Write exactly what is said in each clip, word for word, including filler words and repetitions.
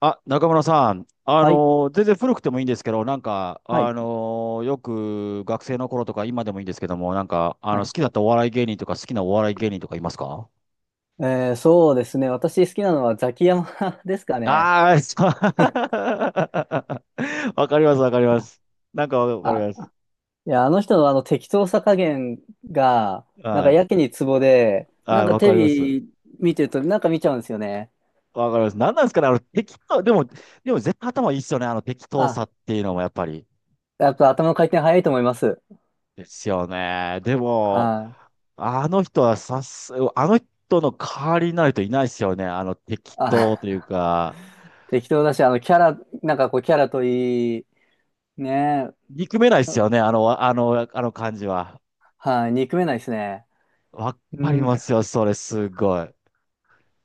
あ、中村さん、あはい。のー全然古くてもいいんですけど、なんか、はあい。のーよく学生の頃とか今でもいいんですけども、なんか、あはの、い。好きだったお笑い芸人とか好きなお笑い芸人とかいますか？えー、そうですね。私好きなのはザキヤマ ですかね。ああー、そ う。 わかります、わかります。なんかわかりあ、ます。いや、あの人のあの適当さ加減が、なんかはい。やけにツボで、はなんい、かわかテレります。ビ見てるとなんか見ちゃうんですよね。わかります。なんなんですかね、あの、適当、でも、でも絶対頭いいっすよね、あの適当さあ、っていうのもやっぱり。やっぱ頭の回転早いと思います。ですよね。でも、はい。あの人はさす、あの人の代わりになる人いないですよね。あの適当というあ、か、適当だし、あのキャラ、なんかこうキャラといい、ね。憎めないですよね。あの、あの、あの感じは。はい。憎めないですね。わうかりん。ますよ、それ、すごい。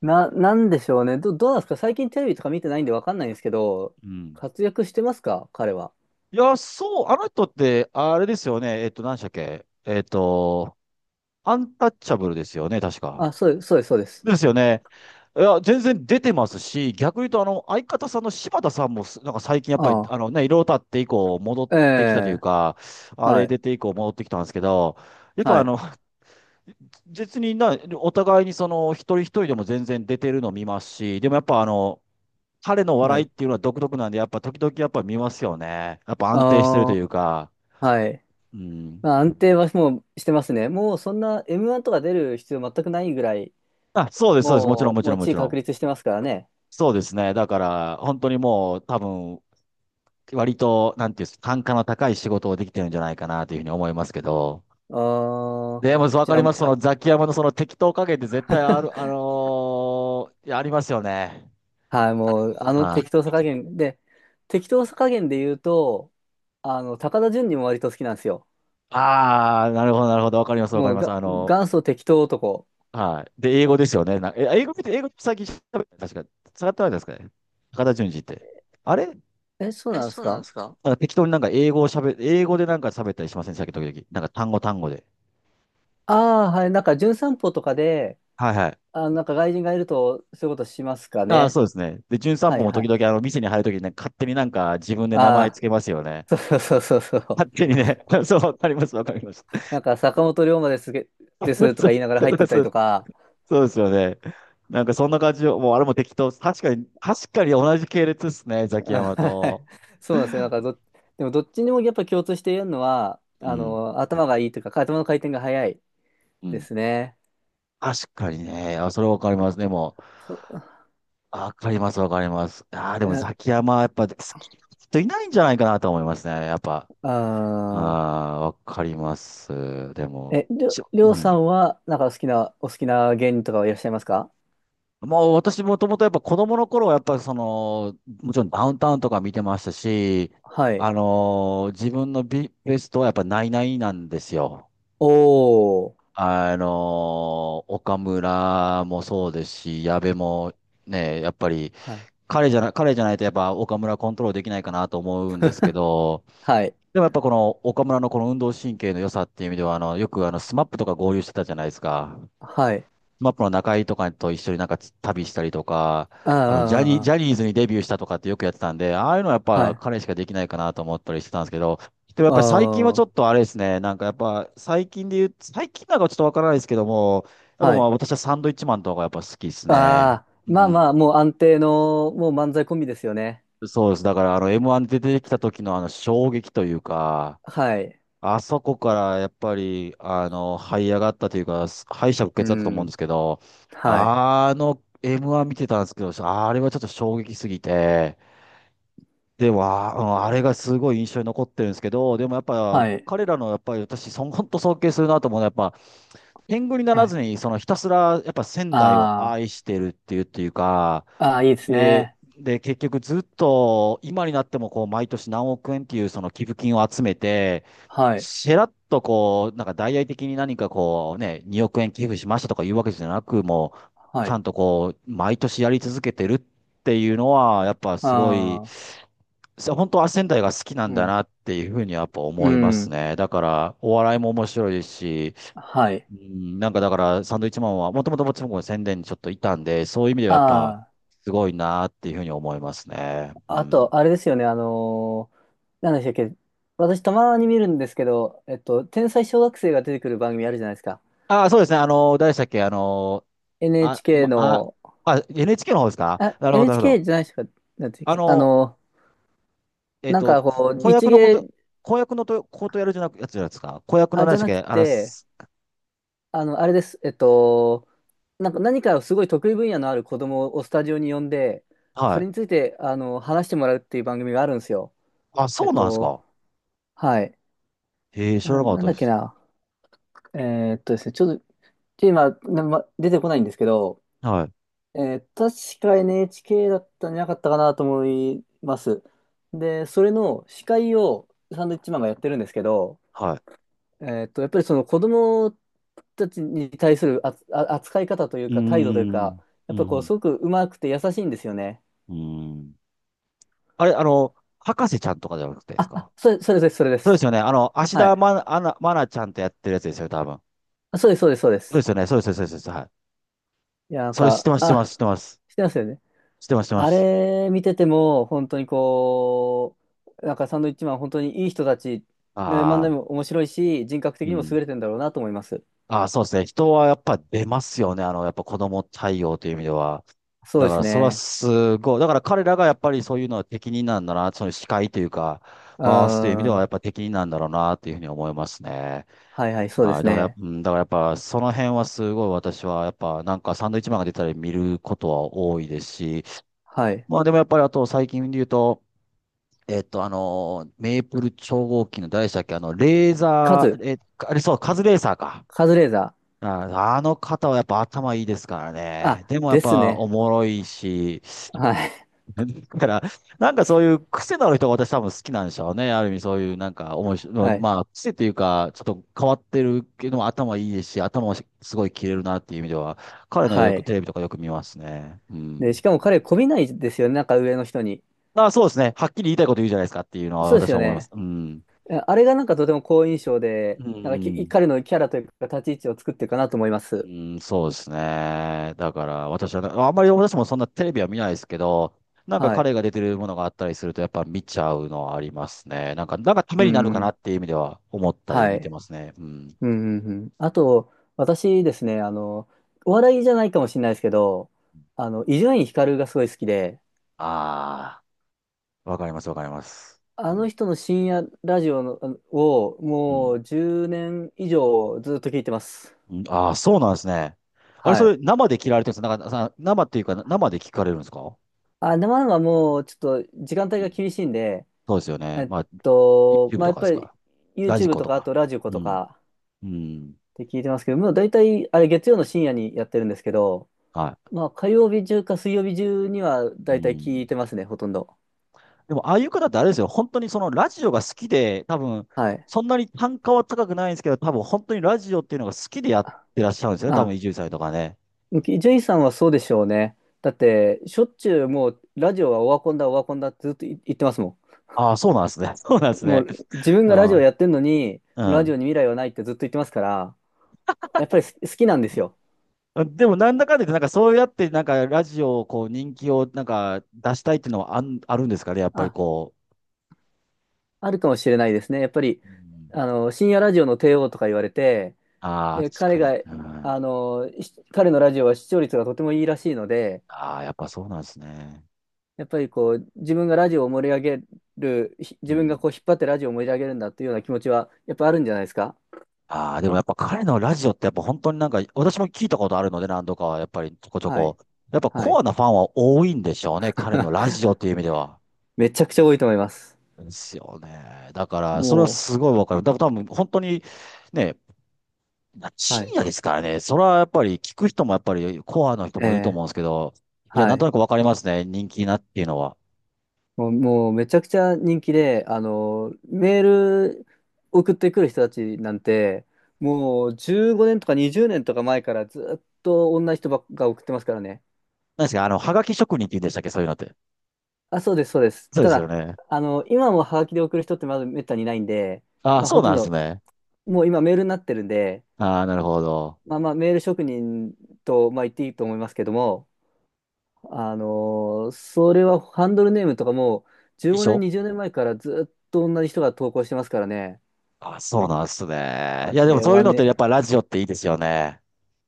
な、なんでしょうね。ど、どうなんですか？最近テレビとか見てないんでわかんないんですけど、うん。活躍してますか彼は？いや、そう、あの人って、あれですよね。えっと、何でしたっけえっと、アンタッチャブルですよね、確か。あ、そうです、そうです、そうです。ですよね。いや、全然出てますし、逆に言うと、あの、相方さんの柴田さんもす、なんか最近やっぱり、ああのね、いろいろ経って以降、戻っあ、えてきたというえ、か、あれはい、出て以降戻ってきたんですけど、やっぱはあい、の、別にな、お互いにその、一人一人でも全然出てるの見ますし、でもやっぱあの、彼のは笑いっい。ていうのは独特なんで、やっぱ時々やっぱ見ますよね。やっぱ安定してるというあか、あ、はい。うん。まあ、安定はもうしてますね。もうそんな エムワン とか出る必要全くないぐらい、あ、そうです、そうです。もちろん、ももう、ちもろうん、も地位ちろん。確立してますからね。そうですね。だから、本当にもう、多分、割と、なんていうんですか、単価の高い仕事をできてるんじゃないかなというふうに思いますけど、ああ、でも、そうわじかゃりあ、ます。そのザキヤマのその適当加減って絶対ある、あの ーいやありますよね。はい、もう、あのは適当さい。加減で、適当さ加減で言うと、あの、高田純次も割と好きなんですよ。ああ、なるほど、なるほど。わかります、わかもりうます。が、あの、元祖適当男。はい。で、英語ですよね。な、え、英語って、英語って最近喋った確か、使ってないですかね。高田純次って。あれ、え、そうなんですか？なんか適当になんか英語を喋、英語でなんか喋ったりしませんでしたっけ、時々。なんか単語単語で。ああ、はい、なんか、純散歩とかで、はいはい。あ、なんか外人がいると、そういうことしますかああ、ね。そうですね。で、『ん散は歩』いもは時い。々あの、店に入るときにね、勝手になんか自分で名あ前つあ、けますよね。そうそうそうそうそう。勝手にね、そう、わかります、わかります。なんか坂本龍馬ですげ、です とそかう、言いながらそ入ってうったそりとう。か。そうですよね。なんかそんな感じを、もうあれも適当。確かに、確かに同じ系列ですね、ザ キヤあ、マはい。と。そうなんですね。なんかど、でもどっちにもやっぱ共通して言えるのは、うあん、の、頭がいいというか、頭の回転が早いうでん。すね。確かにね。あ、それわかりますね、もう。そ、あ、わかります、わかります。ああ、でもえ、ザキヤマはやっぱ好きな人いないんじゃないかなと思いますね、やっぱ。あああ、わかります。でー、も、え、りょ、しょ、りょううさん。んは、なんか好きな、お好きな芸人とかはいらっしゃいますか？まあ、私もともとやっぱ子供の頃はやっぱその、もちろんダウンタウンとか見てましたし、はあい。のー自分のビ、ベストはやっぱナイナイなんですよ。おー。あのー岡村もそうですし、矢部もね、やっぱりはい。彼じゃな、彼じゃないとやっぱ岡村コントロールできないかなと思うんですけど、はい。でもやっぱこの岡村のこの運動神経の良さっていう意味では、あの、よくあの、スマップとか合流してたじゃないですか。はい。マップの中井とかと一緒になんか旅したりとか、ああ、あの、ジャニー、ああ、あージャあニーズにデビューしたとかってよくやってたんで、ああいうのはやっー。はぱい。彼しかできないかなと思ったりしてたんですけど、でもやっぱり最近はちあょっとあれですね、なんかやっぱ最近で言う、最近なんかちょっとわからないですけども、やあ、っぱはまあい。私はサンドイッチマンとかがやっぱ好きですね。ああ、うまあまあ、ん。もう安定の、もう漫才コンビですよね。そうです。だからあの エムワン で出てきた時のあの衝撃というか、はい。あそこからやっぱり、あの、這い上がったというか、敗者復う活だったと思うんでん。すけど、はい。あの エムワン 見てたんですけど、あれはちょっと衝撃すぎて、でも、あうんあれがすごい印象に残ってるんですけど、でもやっぱ、はい。彼らのやっぱり私、そ本当尊敬するなと思うのは、やっぱ、天狗になはらい。ずに、そのひたすら、やっぱ仙台をあ愛してるっていう、っていうか、あ、ああ、いいですで、ね。で、結局ずっと今になってもこう毎年何億円っていうその寄付金を集めて、はい。しらっとこう、なんか大々的に何かこうね、におくえん円寄付しましたとかいうわけじゃなく、もうはちゃい。んとこう、毎年やり続けてるっていうのは、やっぱすごい、ああ、さ本当、仙台が好きなんうだん。なっていうふうにやっぱう思いますん。ね。だから、お笑いも面白いですし、はい。うん、なんかだから、サンドイッチマンは、もともと僕もちろん宣伝にちょっといたんで、そういう意味ではやっぱ、あすごいなっていうふうに思いますね。うあ、あん。と、あれですよね。あのー、なんでしたっけ。私、たまに見るんですけど、えっと、天才小学生が出てくる番組あるじゃないですか。ああ、そうですね。あの、誰でしたっけあの、あ、エヌエイチケー ま、あ、の、あ、エヌエイチケー の方ですか？あ、なるほど、なるほど。エヌエイチケー じゃないですか。なんていうっあけあの、の、えっなんと、かここう、子一役のこ芸、と、子役のと、ことやるじゃなく、やつじゃないですか。子役のあ、何じでゃしなたくっけあらて、す、あの、あれです。えっと、なんか何かすごい得意分野のある子供をスタジオに呼んで、そはれい。について、あの、話してもらうっていう番組があるんですよ。あ、えそっうなんですと、か。はい。へえ、知らな、なかっなんただっでけす。な。えーっとですね、ちょっと、ちょ今、なま、出てこないんですけど、はい、えー確か エヌエイチケー だったんじゃなかったかなと思います。で、それの司会をサンドウィッチマンがやってるんですけど、はい。えっと、やっぱりその子供たちに対するあつあ扱い方といううーか態度というか、ん、うやっん、ぱこううん。すごくうまくて優しいんですよね。うーん、あれ、あの、博士ちゃんとかじゃなくてですあ、か？あ、それ、それです、それでそうですす。よね。あの、芦は田愛い。菜、愛菜愛菜ちゃんとやってるやつですよ、多分。あ、そうです、そうです、そうでそうです。すよね。そうです、そうです、そうです。はい。いや、なんそれ知っか、てます、知ってます、あ、知ってます。してますよね。知ってます、知ってまあす。れ見てても、本当にこう、なんかサンドウィッチマン、本当にいい人たち、ね、漫才ああ、も面白いし、人格的うにもん。優れてんだろうなと思います。ああ、そうですね。人はやっぱ出ますよね。あの、やっぱ子供対応という意味では。そうだでかすら、それはね。すごい。だから彼らがやっぱりそういうのは適任なんだな。その司会というか、う回すという意味でーはやっん。ぱ適任なんだろうな、というふうに思いますね。はいはい、そうではい、すだから、ね。うん、だからやっぱ、その辺はすごい私は、やっぱ、なんかサンドイッチマンが出たり見ることは多いですし、はい。まあでもやっぱりあと最近で言うと、えっと、あのー、メープル超合金の誰でしたっけ、あの、レーカザズ、ー、え、あれそう、カズレーザーか。カズレーザー。ああの方はやっぱ頭いいですからね。あ、でもやっですぱおね。もろいし、はい。だから、なんかそういう癖のある人が私多分好きなんでしょうね。ある意味そういうなんか面白い、はい。まあ癖というか、ちょっと変わってるけども頭いいですし、頭もすごい切れるなっていう意味では、彼のはよくい。テレビとかよく見ますね。うで、しん。かも彼、媚びないですよね。なんか上の人に。あ、そうですね。はっきり言いたいこと言うじゃないですかっていうのはそうです私よは思います。ね。うん。あ、あれがなんかとても好印象で、うなんかきん。彼のキャラというか立ち位置を作ってるかなと思いまうす。ん、そうですね。だから私はね、あんまり私もそんなテレビは見ないですけど、なんかはい。彼が出てるものがあったりするとやっぱ見ちゃうのはありますね。なんか、なんかたうめになるかなん。っていう意味では思ったりは見てい。ますね。うん。うん、うん、うん。あと、私ですね、あの、お笑いじゃないかもしれないですけど、あの、伊集院光がすごい好きで、ああ、わかります、わかります。あうのん。人の深夜ラジオのあのをうもん。うじゅうねん以上ずっと聞いてます。うん、ああ、そうなんですね。あれ、そはい。れ生で切られてるんですか？なんかさ、生っていうか生で聞かれるんですか？あ、生々もうちょっと時間帯うがん。厳しいんで、そうですよえね。っまあ、と、YouTube まあ、とやっかでぱすり か？ラジ YouTube コととかあか。とラジコうとん。かうん。って聞いてますけど、もう大体あれ月曜の深夜にやってるんですけど、はまあ火曜日中か水曜日中にはい。う大体聞いん。てますね、ほとんど。でも、ああいう方ってあれですよ。本当にそのラジオが好きで、多分、はい。そんなに単価は高くないんですけど、多分本当にラジオっていうのが好きでやっあ、てらっしゃるんですよね。多分、あ伊集院さんとかね。ジェイさんはそうでしょうね。だってしょっちゅうもうラジオはオワコンだオワコンだってずっと言ってますもああ、そうなんですね。そうなんですん。もね。う自分がラジオあやってるのに、あ、ラジうオに未来はないってずっと言ってますから、やっぱり好きなんですよ。ん。でも、なんだかんだ言って、なんかそうやって、なんかラジオをこう、人気をなんか出したいっていうのはあん、あるんですかね。やっぱりあ、こあるかもしれないですね。やっぱり、う。うん、あの、深夜ラジオの帝王とか言われて、ああ、で、確彼かに。が、うん。あの、し彼のラジオは視聴率がとてもいいらしいので、ああ、やっぱそうなんですね。やっぱりこう、自分がラジオを盛り上げる、ひう自分がん。こう、引っ張ってラジオを盛り上げるんだというような気持ちは、やっぱあるんじゃないですか？ああ、でもやっぱ彼のラジオってやっぱ本当になんか、私も聞いたことあるので何度かはやっぱりちょこちょはい。こ。やっぱはコい。アなファンは多いんでしょうね。彼のラ ジオっていう意味では。めちゃくちゃ多いと思います。ですよね。だから、それはもすごいわかる。だから多分本当にね、う、は深い。夜ですからね。それはやっぱり聞く人もやっぱりコアの人えもいるとえ、思うんですけど、いや、はなんとい。なくわかりますね。人気なっていうのは。もう、もうめちゃくちゃ人気で、あの、メール送ってくる人たちなんて、もうじゅうごねんとかにじゅうねんとか前からずっと同じ人ばっか送ってますからね。何ですかあの、はがき職人って言うんでしたっけ？そういうのって。あ、そうです、そうです。そうたですよだ、ね。あの、今もハガキで送る人ってまずめったにいないんで、ああ、まあ、そうほとなんんですど、ね。もう今メールになってるんで、ああ、なるほど。まあまあ、メール職人と、まあ、言っていいと思いますけども、あの、それはハンドルネームとかも、衣じゅうごねん、装にじゅうねんまえからずっと同じ人が投稿してますからね。あ、そうなんですね。あいや、でもれそういうはのってやっね、ぱラジオっていいですよね。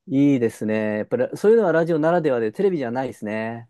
いいですね。やっぱりそういうのはラジオならではで、テレビじゃないですね。